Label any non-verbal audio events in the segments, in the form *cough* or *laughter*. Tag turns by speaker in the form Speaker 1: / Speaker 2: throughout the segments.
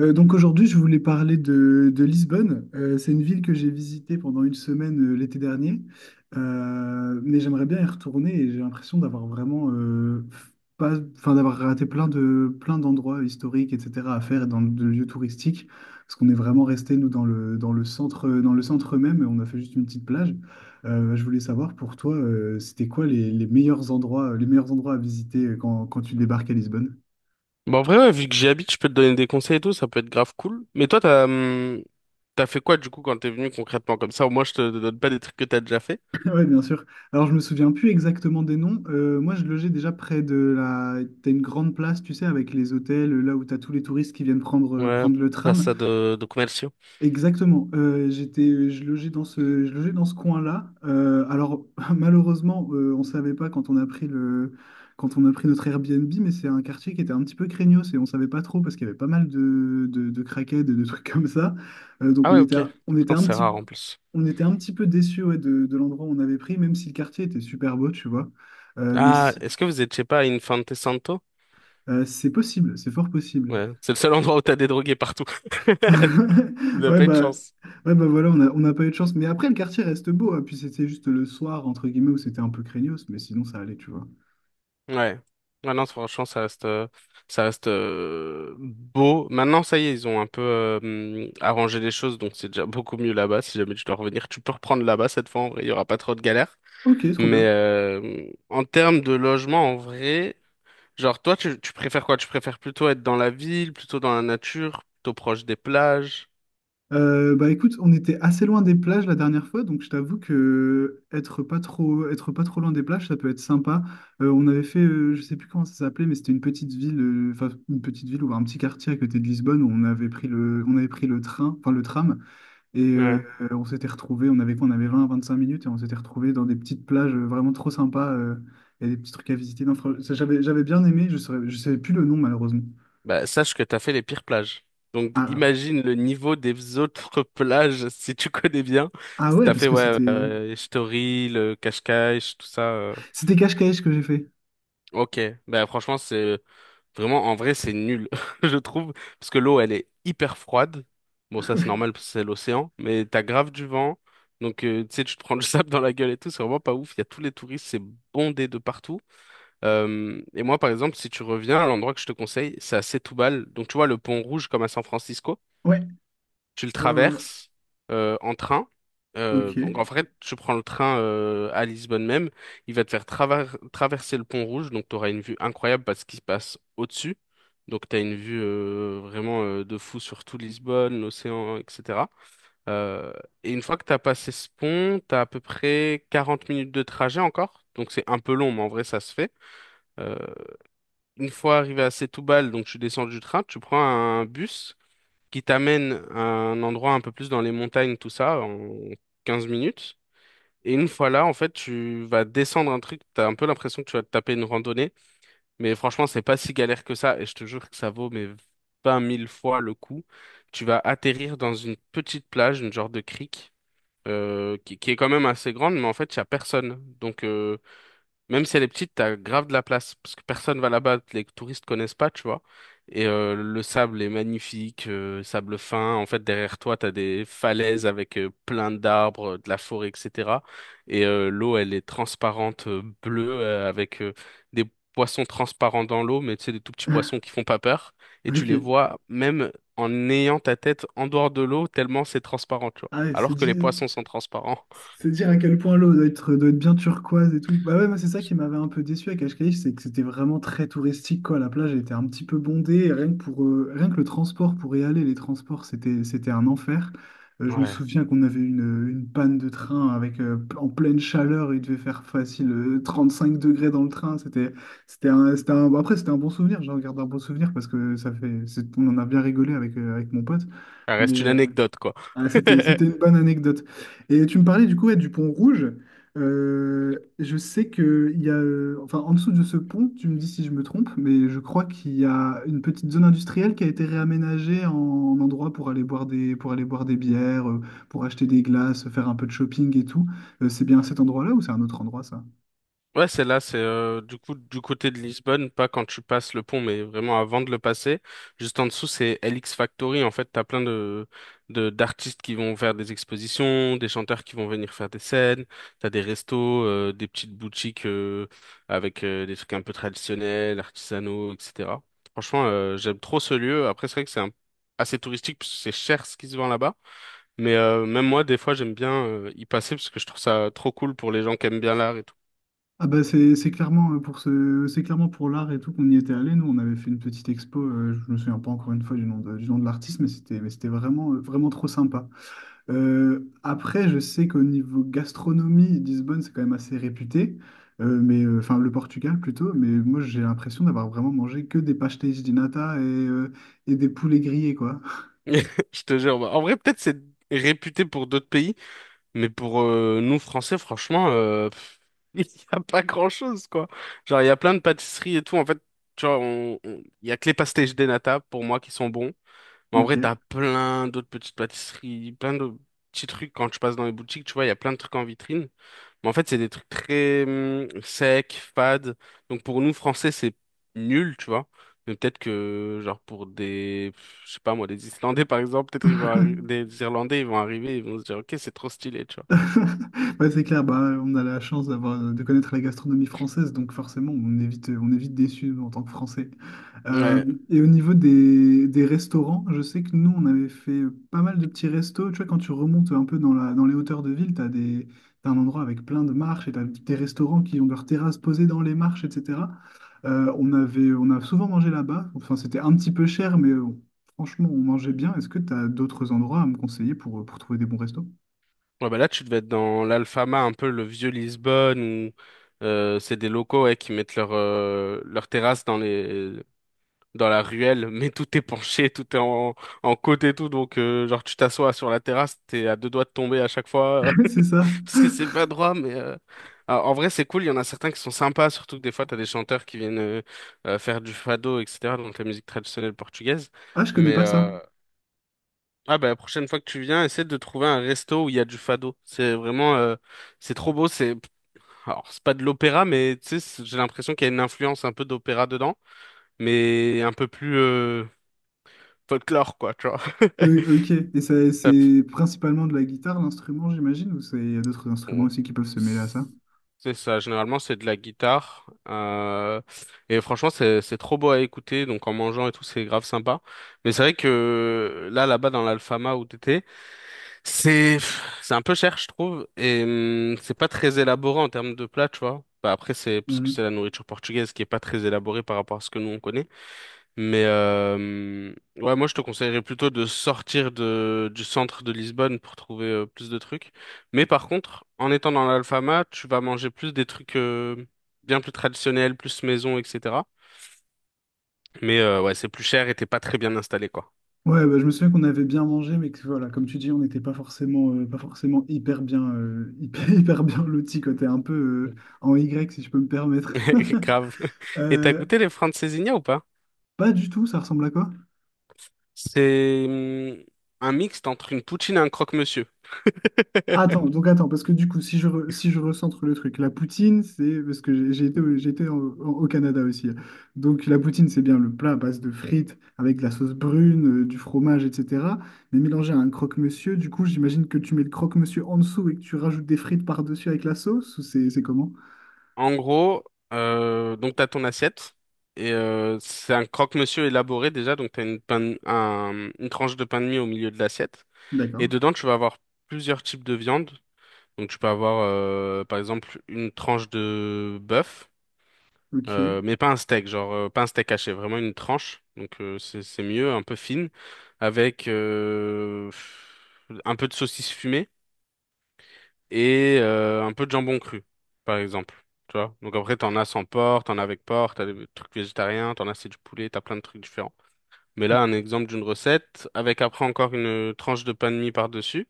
Speaker 1: Donc aujourd'hui, je voulais parler de Lisbonne. C'est une ville que j'ai visitée pendant une semaine l'été dernier. Mais j'aimerais bien y retourner et j'ai l'impression d'avoir vraiment pas, enfin d'avoir raté plein d'endroits historiques, etc. à faire et dans de lieux touristiques, parce qu'on est vraiment resté nous dans le centre même et on a fait juste une petite plage. Je voulais savoir pour toi, c'était quoi les meilleurs endroits à visiter quand tu débarques à Lisbonne?
Speaker 2: Bon, en vrai, ouais, vu que j'y habite, je peux te donner des conseils et tout, ça peut être grave cool. Mais toi, t'as, t'as fait quoi du coup quand t'es venu concrètement comme ça? Au moins, je te donne pas des trucs que t'as déjà fait.
Speaker 1: *laughs* Oui, bien sûr. Alors, je me souviens plus exactement des noms. Moi, je logeais déjà près de la… T'as une grande place, tu sais, avec les hôtels, là où t'as tous les touristes qui viennent
Speaker 2: Ouais,
Speaker 1: prendre le
Speaker 2: pas
Speaker 1: tram.
Speaker 2: ça de commerciaux.
Speaker 1: Exactement. Je logeais dans ce coin-là. Alors, *laughs* malheureusement, on savait pas quand on a pris notre Airbnb, mais c'est un quartier qui était un petit peu craignos et on savait pas trop parce qu'il y avait pas mal de craquettes et de trucs *laughs* comme ça. Euh, donc,
Speaker 2: Ah
Speaker 1: on
Speaker 2: ouais,
Speaker 1: était,
Speaker 2: ok.
Speaker 1: on était
Speaker 2: Non,
Speaker 1: un
Speaker 2: c'est
Speaker 1: petit
Speaker 2: rare en plus.
Speaker 1: on était un petit peu déçus, ouais, de l'endroit où on avait pris, même si le quartier était super beau, tu vois. Euh, mais
Speaker 2: Ah,
Speaker 1: si-
Speaker 2: est-ce que vous êtes, je sais pas, à Infante Santo?
Speaker 1: c'est possible, c'est fort possible.
Speaker 2: Ouais,
Speaker 1: *laughs*
Speaker 2: c'est le seul endroit où t'as des drogués partout. *laughs* Vous n'avez
Speaker 1: Ouais,
Speaker 2: pas eu de
Speaker 1: bah,
Speaker 2: chance.
Speaker 1: ouais, bah voilà, on n'a pas eu de chance. Mais après, le quartier reste beau, hein. Puis c'était juste le soir, entre guillemets, où c'était un peu craignos, mais sinon ça allait, tu vois.
Speaker 2: Ouais. Ouais, non, franchement, ça reste, beau. Maintenant, ça y est, ils ont un peu arrangé les choses, donc c'est déjà beaucoup mieux là-bas. Si jamais tu dois revenir, tu peux reprendre là-bas cette fois, en vrai, il y aura pas trop de galères.
Speaker 1: Ok, trop
Speaker 2: Mais
Speaker 1: bien.
Speaker 2: en termes de logement, en vrai, genre, toi, tu préfères quoi? Tu préfères plutôt être dans la ville, plutôt dans la nature, plutôt proche des plages?
Speaker 1: Bah écoute, on était assez loin des plages la dernière fois, donc je t'avoue que être pas trop loin des plages, ça peut être sympa. Je sais plus comment ça s'appelait, mais c'était une petite ville, enfin une petite ville ou un petit quartier à côté de Lisbonne où on avait pris le train, enfin le tram, et euh, on s'était retrouvés, on avait quoi, on avait 20 à 25 minutes, et on s'était retrouvés dans des petites plages vraiment trop sympas. Il y a des petits trucs à visiter. Non, fr- Ça, j'avais bien aimé, je savais plus le nom malheureusement.
Speaker 2: Bah, sache que t'as fait les pires plages. Donc,
Speaker 1: Ah,
Speaker 2: imagine le niveau des autres *laughs* plages, si tu connais bien.
Speaker 1: ah
Speaker 2: Parce que
Speaker 1: ouais,
Speaker 2: t'as
Speaker 1: parce
Speaker 2: fait,
Speaker 1: que
Speaker 2: ouais, Story, le Cascais, tout ça.
Speaker 1: c'était cache-cache que j'ai fait.
Speaker 2: Ok. Bah, franchement, c'est vraiment, en vrai, c'est nul, *laughs* je trouve. Parce que l'eau, elle est hyper froide. Bon, ça, c'est
Speaker 1: *laughs*
Speaker 2: normal parce que c'est l'océan. Mais t'as grave du vent. Donc, tu sais, tu te prends le *laughs* sable dans la gueule et tout. C'est vraiment pas ouf. Il y a tous les touristes. C'est bondé de partout. Et moi, par exemple, si tu reviens, l'endroit que je te conseille, c'est à Setoubal. Donc, tu vois, le pont rouge comme à San Francisco,
Speaker 1: Ouais,
Speaker 2: tu le
Speaker 1: ouais, ouais, ouais.
Speaker 2: traverses en train.
Speaker 1: Ok.
Speaker 2: Donc, en fait, tu prends le train à Lisbonne même. Il va te faire traverser le pont rouge. Donc, tu auras une vue incroyable parce qu'il se passe au-dessus. Donc, tu as une vue vraiment de fou sur tout Lisbonne, l'océan, etc. Euh, et une fois que tu as passé ce pont, tu as à peu près 40 minutes de trajet encore. Donc, c'est un peu long, mais en vrai, ça se fait. Une fois arrivé à Setoubal, donc tu descends du train, tu prends un bus qui t'amène à un endroit un peu plus dans les montagnes, tout ça, en 15 minutes. Et une fois là, en fait, tu vas descendre un truc, t'as un peu l'impression que tu vas te taper une randonnée, mais franchement, c'est pas si galère que ça, et je te jure que ça vaut mais 20 mille fois le coup. Tu vas atterrir dans une petite plage, une genre de crique, qui est quand même assez grande, mais en fait, il y a personne. Donc, même si elle est petite, t'as grave de la place parce que personne va là-bas, les touristes connaissent pas, tu vois. Et le sable est magnifique, sable fin. En fait, derrière toi, t'as des falaises avec plein d'arbres, de la forêt, etc. Et l'eau, elle est transparente, bleue, avec des poissons transparents dans l'eau, mais tu sais, des tout petits poissons
Speaker 1: *laughs*
Speaker 2: qui font pas peur. Et tu
Speaker 1: Ok.
Speaker 2: les vois même en ayant ta tête en dehors de l'eau, tellement c'est transparent, tu vois.
Speaker 1: Ah ouais, c'est
Speaker 2: Alors que
Speaker 1: dit.
Speaker 2: les poissons sont transparents.
Speaker 1: C'est dire à quel point l'eau doit être, bien turquoise et tout. Bah ouais, moi c'est ça qui m'avait un peu déçu à Cascais, c'est que c'était vraiment très touristique, quoi. La plage était un petit peu bondée, et rien que le transport pour y aller, les transports c'était un enfer. Je me
Speaker 2: Ouais.
Speaker 1: souviens qu'on avait une panne de train avec, en pleine chaleur, il devait faire facile 5 degrés dans le train. Bon, après c'était un bon souvenir, j'en garde un bon souvenir parce que ça fait, on en a bien rigolé avec, avec mon pote.
Speaker 2: Ça reste une anecdote, quoi.
Speaker 1: Ah,
Speaker 2: *laughs*
Speaker 1: c'était une bonne anecdote. Et tu me parlais, du coup, ouais, du pont rouge. Je sais qu'il y a, enfin, en dessous de ce pont, tu me dis si je me trompe, mais je crois qu'il y a une petite zone industrielle qui a été réaménagée en, endroit pour aller boire des bières, pour acheter des glaces, faire un peu de shopping et tout. C'est bien cet endroit-là ou c'est un autre endroit, ça?
Speaker 2: Ouais, c'est là, c'est du coup du côté de Lisbonne, pas quand tu passes le pont, mais vraiment avant de le passer. Juste en dessous, c'est LX Factory. En fait, t'as plein de d'artistes qui vont faire des expositions, des chanteurs qui vont venir faire des scènes. T'as des restos, des petites boutiques avec des trucs un peu traditionnels, artisanaux, etc. Franchement, j'aime trop ce lieu. Après, c'est vrai que assez touristique parce que c'est cher ce qui se vend là-bas. Mais même moi, des fois, j'aime bien y passer parce que je trouve ça trop cool pour les gens qui aiment bien l'art et tout.
Speaker 1: Ah bah, c'est clairement, c'est clairement pour l'art et tout qu'on y était allé. Nous, on avait fait une petite expo. Je me souviens pas, encore une fois, du nom de l'artiste, mais c'était vraiment, vraiment trop sympa. Après, je sais qu'au niveau gastronomie, Lisbonne, c'est quand même assez réputé. Enfin, le Portugal plutôt. Mais moi, j'ai l'impression d'avoir vraiment mangé que des pastéis de nata et des poulets grillés, quoi. *laughs*
Speaker 2: *laughs* Je te jure. En vrai, peut-être c'est réputé pour d'autres pays, mais pour nous, Français, franchement, *laughs* il n'y a pas grand-chose, quoi. Genre, il y a plein de pâtisseries et tout. En fait, tu vois, il y a que les pastéis de nata, pour moi, qui sont bons. Mais en
Speaker 1: Ok.
Speaker 2: vrai, t'as plein d'autres petites pâtisseries, plein de petits trucs quand tu passes dans les boutiques. Tu vois, il y a plein de trucs en vitrine. Mais en fait, c'est des trucs très secs, fades. Donc pour nous, français, c'est nul, tu vois. Mais peut-être que, genre, pour je sais pas moi, des Islandais, par exemple, peut-être des Irlandais, ils vont arriver, ils vont se dire, ok, c'est trop stylé, tu
Speaker 1: *laughs* Ouais, c'est clair, bah, on a la chance d'avoir, de connaître la gastronomie française, donc forcément, on évite, on est déçu en tant que Français.
Speaker 2: vois.
Speaker 1: Euh,
Speaker 2: Ouais.
Speaker 1: et au niveau des restaurants, je sais que nous, on avait fait pas mal de petits restos. Tu vois, quand tu remontes un peu dans dans les hauteurs de ville, t'as un endroit avec plein de marches et tu as des restaurants qui ont leurs terrasses posées dans les marches, etc. On a souvent mangé là-bas. Enfin, c'était un petit peu cher, mais franchement, on mangeait bien. Est-ce que tu as d'autres endroits à me conseiller pour trouver des bons restos?
Speaker 2: Ouais, bah là, tu devais être dans l'Alfama, un peu le vieux Lisbonne, où c'est des locaux ouais, qui mettent leur terrasse dans la ruelle, *laughs* mais tout est penché, en côte et tout. Donc, genre, tu t'assois sur la terrasse, t'es à deux doigts de tomber à chaque fois.
Speaker 1: *laughs* C'est ça.
Speaker 2: Parce que c'est pas droit, mais en vrai, c'est cool. Il y en a certains qui sont sympas, surtout que des fois, t'as des chanteurs qui viennent faire du fado, etc., donc la musique traditionnelle portugaise.
Speaker 1: Ah, je connais
Speaker 2: Mais
Speaker 1: pas ça.
Speaker 2: bah, la prochaine fois que tu viens, essaie de trouver un resto où il y a du fado. C'est vraiment, c'est trop beau. C'est pas de l'opéra, mais tu sais, j'ai l'impression qu'il y a une influence un peu d'opéra dedans, mais un peu plus folklore, quoi, tu vois.
Speaker 1: Ok. Et ça, c'est
Speaker 2: *laughs*
Speaker 1: principalement de la guitare, l'instrument, j'imagine, ou il y a d'autres instruments
Speaker 2: on-
Speaker 1: aussi qui peuvent se mêler à ça?
Speaker 2: C'est ça, généralement c'est de la guitare. Et franchement c'est trop beau à écouter, donc en mangeant et tout c'est grave sympa. Mais c'est vrai que là là-bas dans l'Alfama où t'étais, c'est c'est un peu cher je trouve et c'est pas très élaboré en termes de plat, tu vois. Bah, après c'est parce que c'est
Speaker 1: Mhm.
Speaker 2: la nourriture portugaise qui est pas très élaborée par rapport à ce que nous on connaît. Mais ouais, moi je te conseillerais plutôt de sortir de, du centre de Lisbonne pour trouver plus de trucs. Mais par contre, en étant dans l'Alfama, tu vas manger plus des trucs bien plus traditionnels, plus maison, etc. Mais ouais, c'est plus cher et t'es pas très bien installé, quoi.
Speaker 1: Ouais, bah, je me souviens qu'on avait bien mangé, mais que voilà, comme tu dis, on n'était pas forcément, hyper bien, hyper, *laughs* hyper bien lotis, quoi. T'es un peu,
Speaker 2: Mm.
Speaker 1: en Y, si je peux me permettre. *laughs*
Speaker 2: *laughs* Grave. Et t'as
Speaker 1: Euh,
Speaker 2: goûté les francesinha ou pas?
Speaker 1: Pas du tout, ça ressemble à quoi?
Speaker 2: C'est un mixte entre une poutine et un croque-monsieur. *laughs*
Speaker 1: Attends, donc attends, parce que du coup, si je recentre le truc, la poutine, c'est parce que j'ai été, j'ai été au Canada aussi, hein. Donc la poutine, c'est bien le plat à base de frites avec de la sauce brune, du fromage, etc. Mais mélangé à un croque-monsieur, du coup, j'imagine que tu mets le croque-monsieur en dessous et que tu rajoutes des frites par-dessus avec la sauce, ou c'est comment?
Speaker 2: En gros, donc t'as ton assiette et c'est un croque-monsieur élaboré déjà, donc t'as une pain un- une tranche de pain de mie au milieu de l'assiette et
Speaker 1: D'accord.
Speaker 2: dedans tu vas avoir plusieurs types de viande. Donc tu peux avoir par exemple une tranche de bœuf,
Speaker 1: Ok.
Speaker 2: mais pas un steak, genre pas un steak haché, vraiment une tranche. Donc c'est mieux, un peu fine, avec un peu de saucisse fumée et un peu de jambon cru, par exemple. Tu vois? Donc après, t'en as sans porc, t'en as avec porc, t'as des trucs végétariens, t'en as c'est du poulet, t'as plein de trucs différents. Mais là, un exemple d'une recette, avec après encore une tranche de pain de mie par-dessus,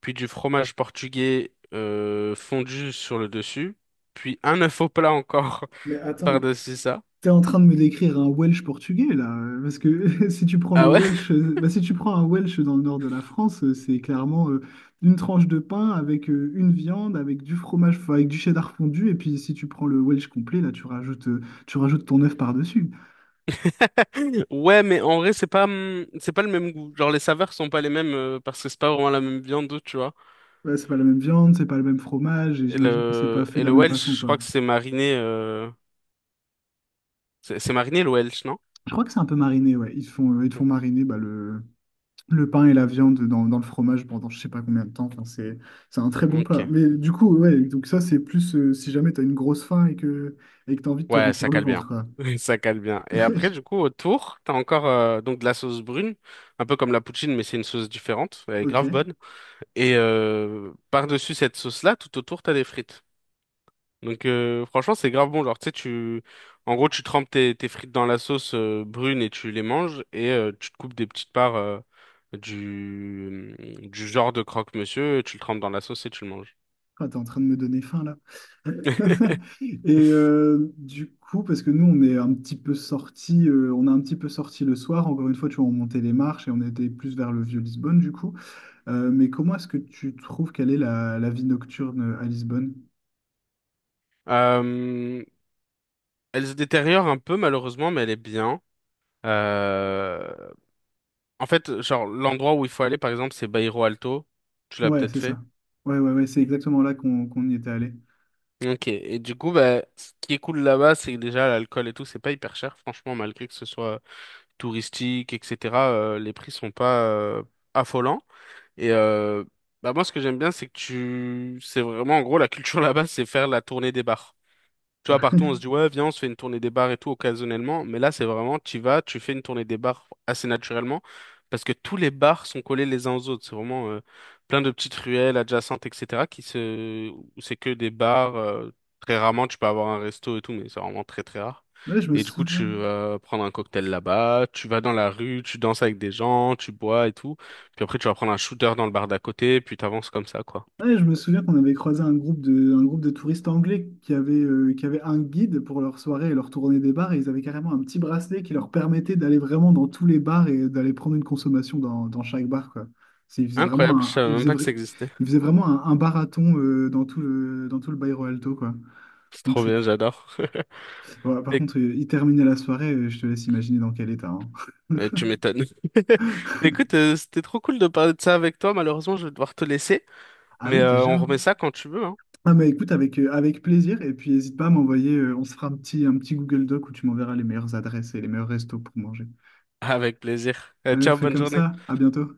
Speaker 2: puis du fromage portugais fondu sur le dessus, puis un œuf au plat encore
Speaker 1: Mais
Speaker 2: *laughs*
Speaker 1: attends.
Speaker 2: par-dessus ça.
Speaker 1: T'es en train de me décrire un Welsh portugais là, parce que *laughs* si tu prends le
Speaker 2: Ah ouais?
Speaker 1: Welsh, bah, si tu prends un Welsh dans le nord de la France, c'est clairement, une tranche de pain avec, une viande, avec du fromage, enfin, avec du cheddar fondu, et puis si tu prends le Welsh complet, là tu rajoutes, ton œuf par-dessus.
Speaker 2: *laughs* Ouais, mais en vrai, c'est pas le même goût. Genre, les saveurs sont pas les mêmes parce que c'est pas vraiment la même viande, tu vois.
Speaker 1: Ouais, c'est pas la même viande, c'est pas le même fromage, et
Speaker 2: Et
Speaker 1: j'imagine que c'est pas fait de la
Speaker 2: le
Speaker 1: même façon,
Speaker 2: Welsh, je
Speaker 1: quoi.
Speaker 2: crois que c'est mariné. C'est Marigny le Welsh, non?
Speaker 1: Je crois que c'est un peu mariné, ouais. Ils te font mariner, bah, le pain et la viande dans le fromage pendant je sais pas combien de temps. Enfin, c'est un très bon plat.
Speaker 2: Ok.
Speaker 1: Mais du coup, ouais, donc ça, c'est plus, si jamais tu as une grosse faim et que tu as envie de te
Speaker 2: Ouais, ça
Speaker 1: remplir le
Speaker 2: cale bien.
Speaker 1: ventre, quoi.
Speaker 2: *laughs* Ça cale bien. Et après, du
Speaker 1: *laughs*
Speaker 2: coup, autour, t'as encore donc de la sauce brune, un peu comme la poutine, mais c'est une sauce différente. Elle est
Speaker 1: Ok.
Speaker 2: grave bonne. Et par-dessus cette sauce-là, tout autour, t'as des frites. Donc franchement, c'est grave bon. Genre, tu sais, tu... En gros, tu trempes tes frites dans la sauce brune et tu les manges et tu te coupes des petites parts du... du genre de croque-monsieur, tu le trempes dans la sauce et tu le manges.
Speaker 1: Ah, t'es en train de me donner faim là. *laughs*
Speaker 2: *laughs*
Speaker 1: Du coup, parce que nous, on est un petit peu sortis, on a un petit peu sorti le soir. Encore une fois, tu vois, on montait les marches et on était plus vers le vieux Lisbonne, du coup. Mais comment est-ce que tu trouves qu'elle est la vie nocturne à Lisbonne?
Speaker 2: Euh, Elle se détériore un peu malheureusement, mais elle est bien. Euh, En fait, genre l'endroit où il faut aller, par exemple, c'est Bairro Alto. Tu l'as
Speaker 1: Ouais,
Speaker 2: peut-être
Speaker 1: c'est
Speaker 2: fait.
Speaker 1: ça. Ouais, ouais, ouais, c'est exactement là qu'on y était allé.
Speaker 2: Ok. Et du coup, bah, ce qui est cool là-bas, c'est que déjà l'alcool et tout, c'est pas hyper cher. Franchement, malgré que ce soit touristique, etc., les prix sont pas affolants. Et bah moi, ce que j'aime bien, c'est que c'est vraiment en gros la culture *laughs* là-bas, c'est faire la tournée des bars. Tu vois, partout, on se dit, ouais, viens, on se fait une tournée des bars et tout occasionnellement. Mais là, c'est vraiment, tu fais une tournée des bars assez naturellement parce que tous les bars sont collés les uns aux autres. C'est vraiment plein de petites ruelles adjacentes, etc. qui se... où c'est que des bars. Très rarement, tu peux avoir un resto et tout, mais c'est vraiment très, très rare.
Speaker 1: Ouais, je me
Speaker 2: Et du coup, tu
Speaker 1: souviens.
Speaker 2: vas prendre un cocktail là-bas, tu vas dans la rue, tu danses avec des gens, tu bois et tout. Puis après, tu vas prendre un shooter dans le bar d'à côté, puis t'avances comme ça, quoi.
Speaker 1: Ouais, je me souviens qu'on avait croisé un groupe de touristes anglais qui avait un guide pour leur soirée et leur tournée des bars, et ils avaient carrément un petit bracelet qui leur permettait d'aller vraiment dans tous les bars et d'aller prendre une consommation dans chaque bar, quoi. C'est- Ils faisaient vraiment
Speaker 2: Incroyable, je
Speaker 1: un,
Speaker 2: savais
Speaker 1: ils
Speaker 2: même
Speaker 1: faisaient
Speaker 2: pas que
Speaker 1: vra-
Speaker 2: ça existait.
Speaker 1: Ils faisaient
Speaker 2: *laughs*
Speaker 1: vraiment un barathon, dans dans tout le Bairro Alto, quoi.
Speaker 2: C'est
Speaker 1: Donc
Speaker 2: trop
Speaker 1: c'est,
Speaker 2: bien, j'adore.
Speaker 1: ouais, par contre,
Speaker 2: *laughs*
Speaker 1: ils terminaient la soirée, je te laisse imaginer dans quel état, hein.
Speaker 2: Tu m'étonnes. *laughs* Mais écoute, c'était trop cool de parler de ça avec toi. Malheureusement, je vais devoir te laisser.
Speaker 1: Ah
Speaker 2: Mais
Speaker 1: oui, déjà,
Speaker 2: on
Speaker 1: hein.
Speaker 2: remet ça quand tu veux, hein.
Speaker 1: Ah mais écoute, avec, avec plaisir, et puis n'hésite pas à m'envoyer, on se fera un petit Google Doc où tu m'enverras les meilleures adresses et les meilleurs restos pour manger.
Speaker 2: Avec plaisir.
Speaker 1: Allez, on
Speaker 2: Ciao,
Speaker 1: fait
Speaker 2: bonne
Speaker 1: comme
Speaker 2: journée.
Speaker 1: ça, à bientôt.